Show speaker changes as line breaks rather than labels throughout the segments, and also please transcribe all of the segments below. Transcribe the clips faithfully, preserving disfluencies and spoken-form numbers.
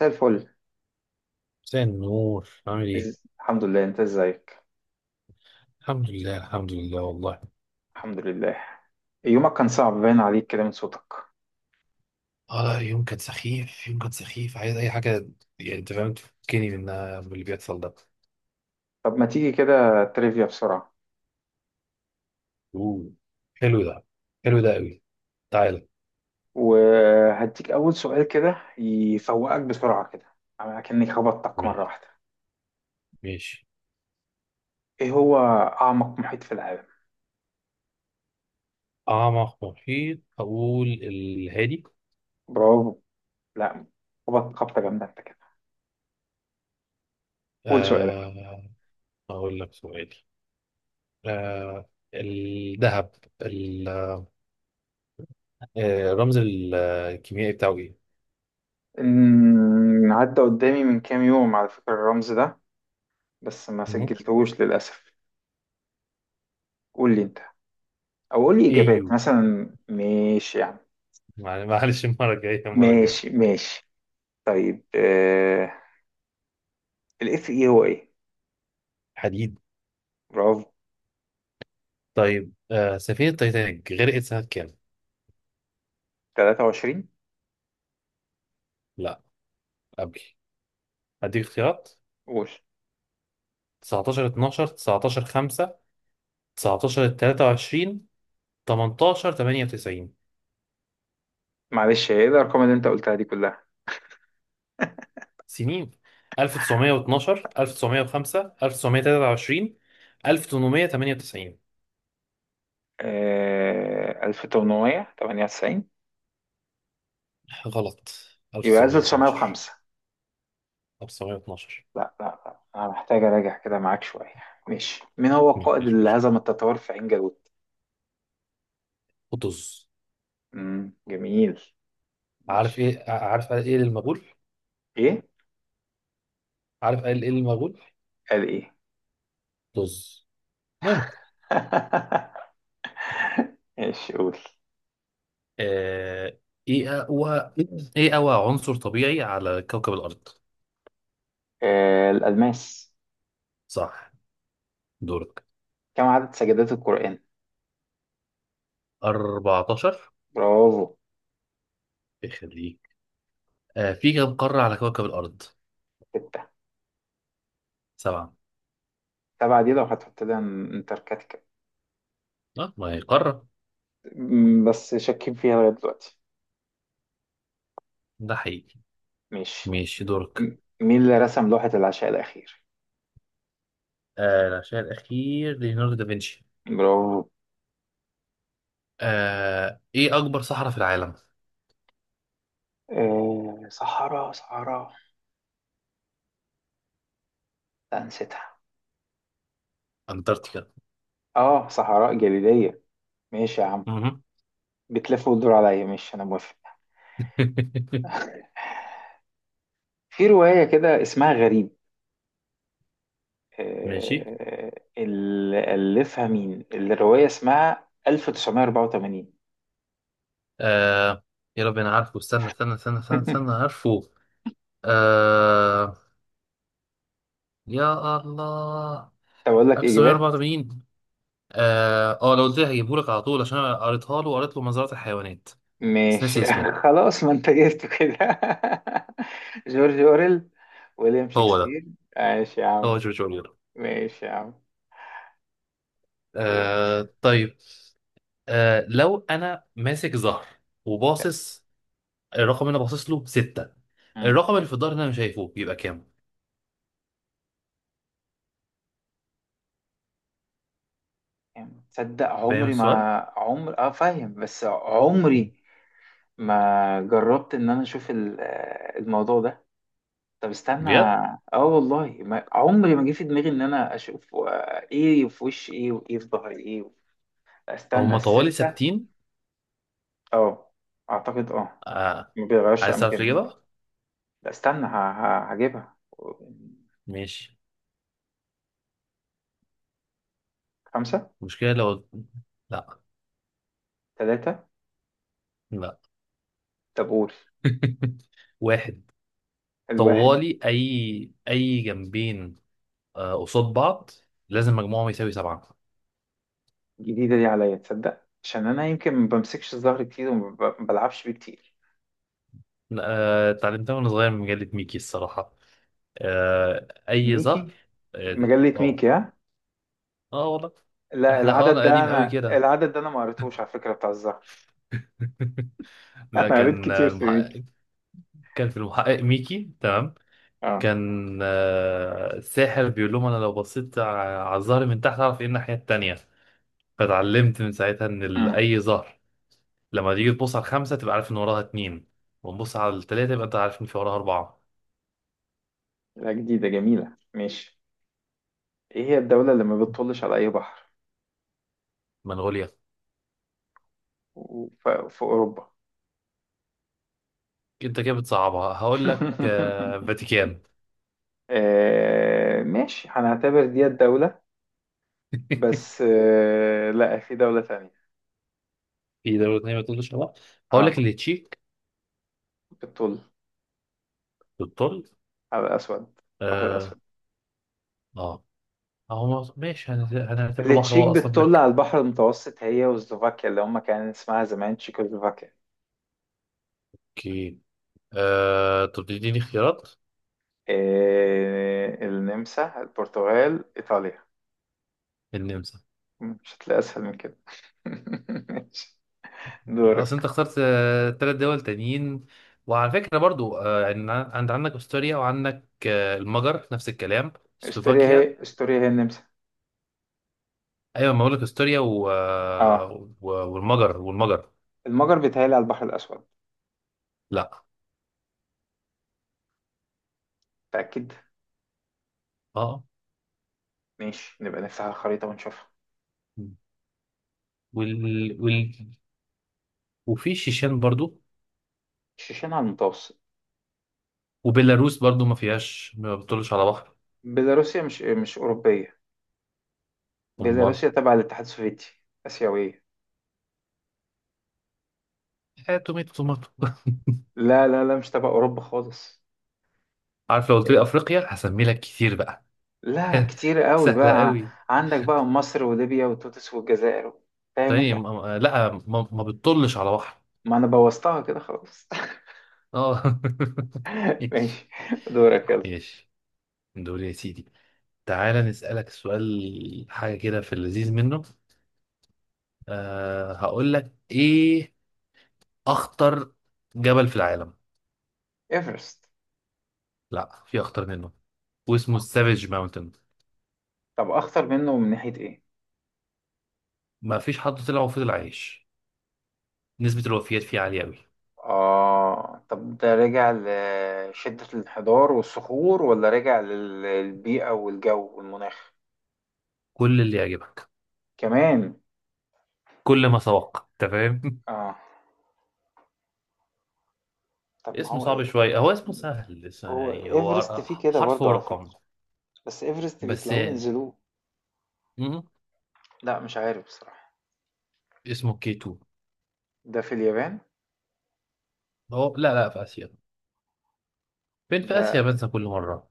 زي الفل.
مساء النور، عامل ايه؟
إز... الحمد لله، انت ازيك؟
الحمد لله، الحمد لله والله.
الحمد لله. يومك كان صعب باين عليك كده من صوتك.
اه لا، يوم كان سخيف، يوم كان سخيف. عايز اي حاجة يعني، انت فاهم؟ تفكني من من اللي بيحصل ده.
طب ما تيجي كده تريفيا بسرعة؟
اوه، حلو ده، حلو ده قوي. تعالى.
وهديك أول سؤال كده يفوقك بسرعة كده، أكني خبطتك مرة
ماشي
واحدة.
ماشي.
إيه هو أعمق محيط في العالم؟
اعمق محيط اقول الهادي.
برافو. لا، خبط خبطة جامدة أنت كده. قول سؤالك.
آه اقول لك سؤال. آه الذهب ال- آه، الرمز الكيميائي بتاعه ايه؟
إن- عدى قدامي من كام يوم على فكرة الرمز ده، بس ما
مم؟
سجلتهوش للأسف. قول لي أنت، أو قول لي
ايه
إجابات
يو.
مثلا، ماشي يعني.
معل- معلش، المرة الجاية المرة الجاية.
ماشي ماشي. طيب آه الاف اي هو ايه؟
حديد.
برافو.
طيب، آه سفينة تايتانيك غرقت سنة كام؟
تلاتة وعشرين.
لا، قبل. هديك اختيارات:
قول.
تسعتاشر اتناشر، تسعتاشر خمسة، تسعة عشر تلاتة وعشرين، تمنتاشر تمنية وتسعين.
معلش، ايه الارقام اللي انت قلتها دي كلها؟
سنين: ألف وتسعمئة واثني عشر، ألف وتسعمئة وخمسة، ألف وتسعمية وتلاتة وعشرين، ألف وتمنمية وتمنية وتسعين.
آه ألف تمنمية تمنية وتسعين.
غلط.
يبقى
ألف وتسعمية واتناشر.
ألف تسعمية وخمسة.
ألف وتسعمية واتناشر.
لا لا لا، انا محتاج اراجع كده معاك شويه. ماشي. مين هو القائد
مفيش
اللي
مشكلة.
هزم التتار في عين جالوت؟
طز.
امم جميل.
عارف
ماشي.
ايه عارف ايه المغول؟
ايه؟
عارف ايه المغول؟
قال ايه.
طز. المهم.
ماشي، قول.
آه، ايه اقوى ايه اقوى عنصر طبيعي على كوكب الارض؟
آه الالماس.
صح. دورك.
كم عدد سجدات القرآن؟
أربعتاشر.
برافو.
يخليك. آه، في كم قارة على كوكب الارض؟
ستة.
سبعة.
سبعة دي لو هتحط لها انتاركتيكا.
اه ما هي قارة.
م- بس شاكين فيها لغاية دلوقتي.
ده حقيقي.
ماشي.
ماشي. دورك.
م- مين اللي رسم لوحة العشاء الأخير؟
آه، العشاء الاخير ليوناردو دافنشي.
برافو.
آه، ايه اكبر صحراء في العالم؟
آه صحراء صحراء، لا نسيتها.
انتاركتيكا.
اه، صحراء جليدية. ماشي يا عم.
مهم.
بتلف وتدور عليا، ماشي أنا موافق. في رواية كده اسمها غريب،
ماشي.
آه، اللي ألفها مين؟ الرواية اسمها ألف تسعمائة وأربعة وثمانين.
آه، يا رب انا عارفه، استنى استنى استنى استنى، استنى عارفه. آه، يا الله.
طب أقول لك إجابات.
ألف وتسعمية وأربعة وتمانين. اه آه، لو قلت لي هجيبهولك على طول، عشان انا قريتها له وقريت له مزرعة الحيوانات. بس
ماشي.
ناسي اسمه.
خلاص، ما انت جبته كده. جورج اوريل؟ ويليام
هو ده.
شكسبير؟ ماشي يا عم.
هو جورج اورويل.
ماشي يا عم، قول.
آه طيب. آه لو انا ماسك زهر وباصص، الرقم اللي انا باصص له ستة.
مم.
الرقم اللي في الظهر اللي انا مش شايفه بيبقى كام؟
تصدق
فاهم
عمري ما
السؤال؟
عمر، اه فاهم، بس عمري ما جربت ان انا اشوف ال- آه، الموضوع ده. طب استنى.
بجد.
اه والله ما... عمري ما جه في دماغي ان انا اشوف، آه، ايه في وش ايه وايه في ظهر ايه. استنى،
هما طوالي
الستة.
ثابتين.
اه، اعتقد اه.
آه.
ما بيغيرش
عايز تعرف
اماكنهم.
الإجابة؟
لا استنى، ه- ه- هجيبها.
ماشي.
خمسة.
المشكلة لو، لا.
تلاتة.
لا.
طب قول.
واحد.
الواحد.
طوالي، أي أي جنبين آه، قصاد بعض، لازم مجموعهم يساوي سبعة.
جديدة دي عليا، تصدق؟ عشان أنا يمكن ما بمسكش الظهر كتير، وما ب- بلعبش بيه كتير.
آه، اتعلمتها وأنا صغير من مجلة ميكي الصراحة. آه، أي ظهر.
ميكي؟
اه.
مجلة
اه
ميكي ها.
آه، والله.
لا
احنا اه
العدد
انا
ده
قديم قوي
أنا،
كده.
العدد ده أنا ما قريتهوش على فكرة، بتاع الظهر.
لا،
أنا قريت
كان آه،
كتير في ميكي.
المحقق. كان في المحقق ميكي، تمام.
اه.
كان آه، الساحر بيقول لهم انا لو بصيت ع- على الظهر من تحت اعرف ايه الناحية التانية. فتعلمت من ساعتها ان ال-
امم
اي ظهر لما تيجي تبص على الخمسة تبقى عارف ان وراها اتنين. ونبص على التلاتة يبقى انت عارف ان في وراها اربعة.
لا جديدة جميلة، ماشي. إيه هي الدولة اللي ما بتطلش على أي بحر؟
منغوليا.
و- ف- في أوروبا.
انت كده بتصعبها، هقول لك آه فاتيكان.
آه ماشي، هنعتبر دي الدولة. بس آه، لا، في دولة تانية.
في دولة تانية، ما تقولش لا. هقول
اه.
لك اللي تشيك.
بتطل
بالطول.
على الأسود، البحر
اه.
الأسود.
اه. هو ماشي، هنت- هنعتبره بحر،
التشيك
هو اصلا
بتطل
بركة.
على البحر المتوسط هي وسلوفاكيا اللي هم كان اسمها زمان تشيكوسلوفاكيا.
اوكي. آه طب تديني خيارات.
آه، النمسا، البرتغال، إيطاليا.
النمسا.
مش هتلاقي أسهل من كده. ماشي.
اصل انت
دورك.
اخترت آه تلات دول تانيين. وعلى فكرة برضو آه عن- عند عندك استوريا، وعندك آه المجر، نفس الكلام.
استوريا
سلوفاكيا.
هي، استوريا هي النمسا.
ايوه، ما بقول لك استوريا و،
اه.
آه، و، والمجر والمجر.
المجر بيتهيألي على البحر الأسود.
لا.
متأكد.
اه. آه.
ماشي، نبقى نفتح الخريطة ونشوفها.
وال، وفي شيشان برضو.
شيشان على المتوسط.
وبيلاروس برضو ما فيهاش، ما بتطلش على بحر.
بيلاروسيا مش، مش أوروبية.
امال.
بيلاروسيا تبع الاتحاد السوفيتي، آسيوية.
آه، توميتو توماتو.
لا لا لا، مش تبع أوروبا خالص.
عارف لو قلت لي افريقيا هسمي لك كتير بقى.
لا كتير قوي
سهله
بقى.
قوي.
عندك بقى مصر وليبيا وتونس والجزائر. فاهم انت.
ثاني م- م- لا، ما, ما بتطلش على بحر.
ما انا بوظتها كده خلاص.
اه. ايش.
ماشي. دورك يلا.
ايش. دول يا سيدي. تعالى نسألك سؤال، حاجة كده في اللذيذ منه. أه، هقول لك ايه، اخطر جبل في العالم.
ايفرست.
لا، في اخطر منه، واسمه السافيج ماونتن.
طب اخطر منه من ناحية ايه؟
ما فيش حد طلع وفضل عايش، نسبة الوفيات فيه عالية أوي.
اه طب ده رجع لشدة الانحدار والصخور، ولا رجع لل- للبيئة والجو والمناخ
كل اللي يعجبك.
كمان؟
كل ما سبق أنت فاهم.
اه. طب ما
اسمه
هو
صعب
إيه؟
شوية، هو اسمه سهل بس
هو
يعني
ايفرست
هو
فيه كده
حرف
برضه على
ورقم.
فكرة. بس ايفرست
بس.
بيطلعوه ينزلوه.
م-
لا مش عارف بصراحة.
اسمه كي اتنين.
ده في اليابان؟
هو لا لا، في آسيا. فين في
ده،
آسيا، بنسى كل مرة.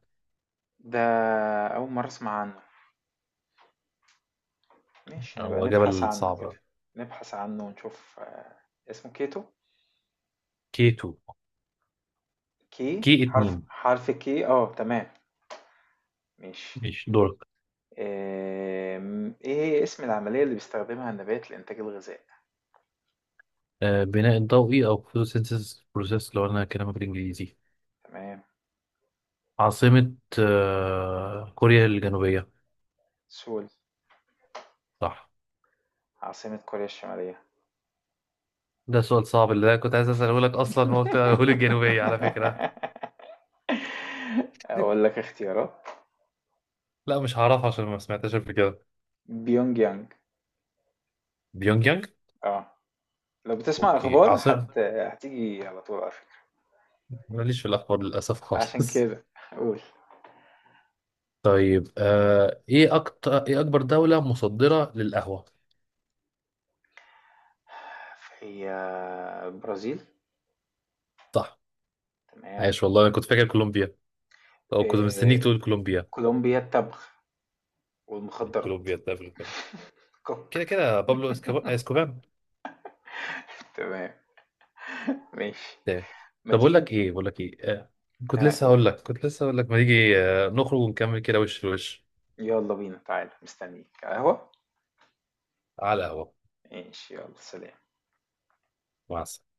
ده أول مرة أسمع عنه. ماشي نبقى
هو
نبحث
جبل
عنه
صعب.
كده. نبحث عنه ونشوف. آه، اسمه كيتو.
كي اتنين.
كي
كي
حرف،
اتنين.
حرف كي اه، تمام. ماشي.
ماشي. دورك.
آم، ايه هي اسم العملية اللي بيستخدمها النبات لإنتاج الغذاء؟
آه بناء الضوئي أو photosynthesis process لو أنا كلامك بالإنجليزي.
تمام.
عاصمة آه كوريا الجنوبية.
سول.
صح.
عاصمة كوريا الشمالية.
ده سؤال صعب اللي أنا كنت عايز أسأله لك أصلا، هو قلت أقول الجنوبية على فكرة.
أقول لك اختيارات.
لا، مش هعرفها عشان ما سمعتهاش قبل كده.
بيونج يانج.
بيونج يانج.
اه. لو بتسمع
اوكي.
اخبار
عاصمة.
هت... هتيجي على طول على فكرة.
ماليش في الاخبار للاسف
عشان
خالص.
كده. قول.
طيب آه ايه اكتر ايه اكبر دولة مصدرة للقهوة.
هي، برازيل.
صح.
تمام.
عايش والله، انا كنت فاكر كولومبيا. او كنت مستنيك
إيه...
تقول كولومبيا.
كولومبيا التبغ
طيب
والمخدرات.
كولومبيا ده في الفيلم.
كوك.
كده كده بابلو اسكوب- اسكوبان.
تمام. ماشي.
تمام.
ما
طب اقول
تيجي
لك
نش-
ايه، بقول لك ايه. آه كنت
آه
لسه
قول.
هقول لك كنت لسه هقول لك ما تيجي آه نخرج ونكمل كده وش لوش.
يلا بينا، تعالى مستنيك قهوة.
على القهوة.
ماشي يلا، سلام.
مع السلامة.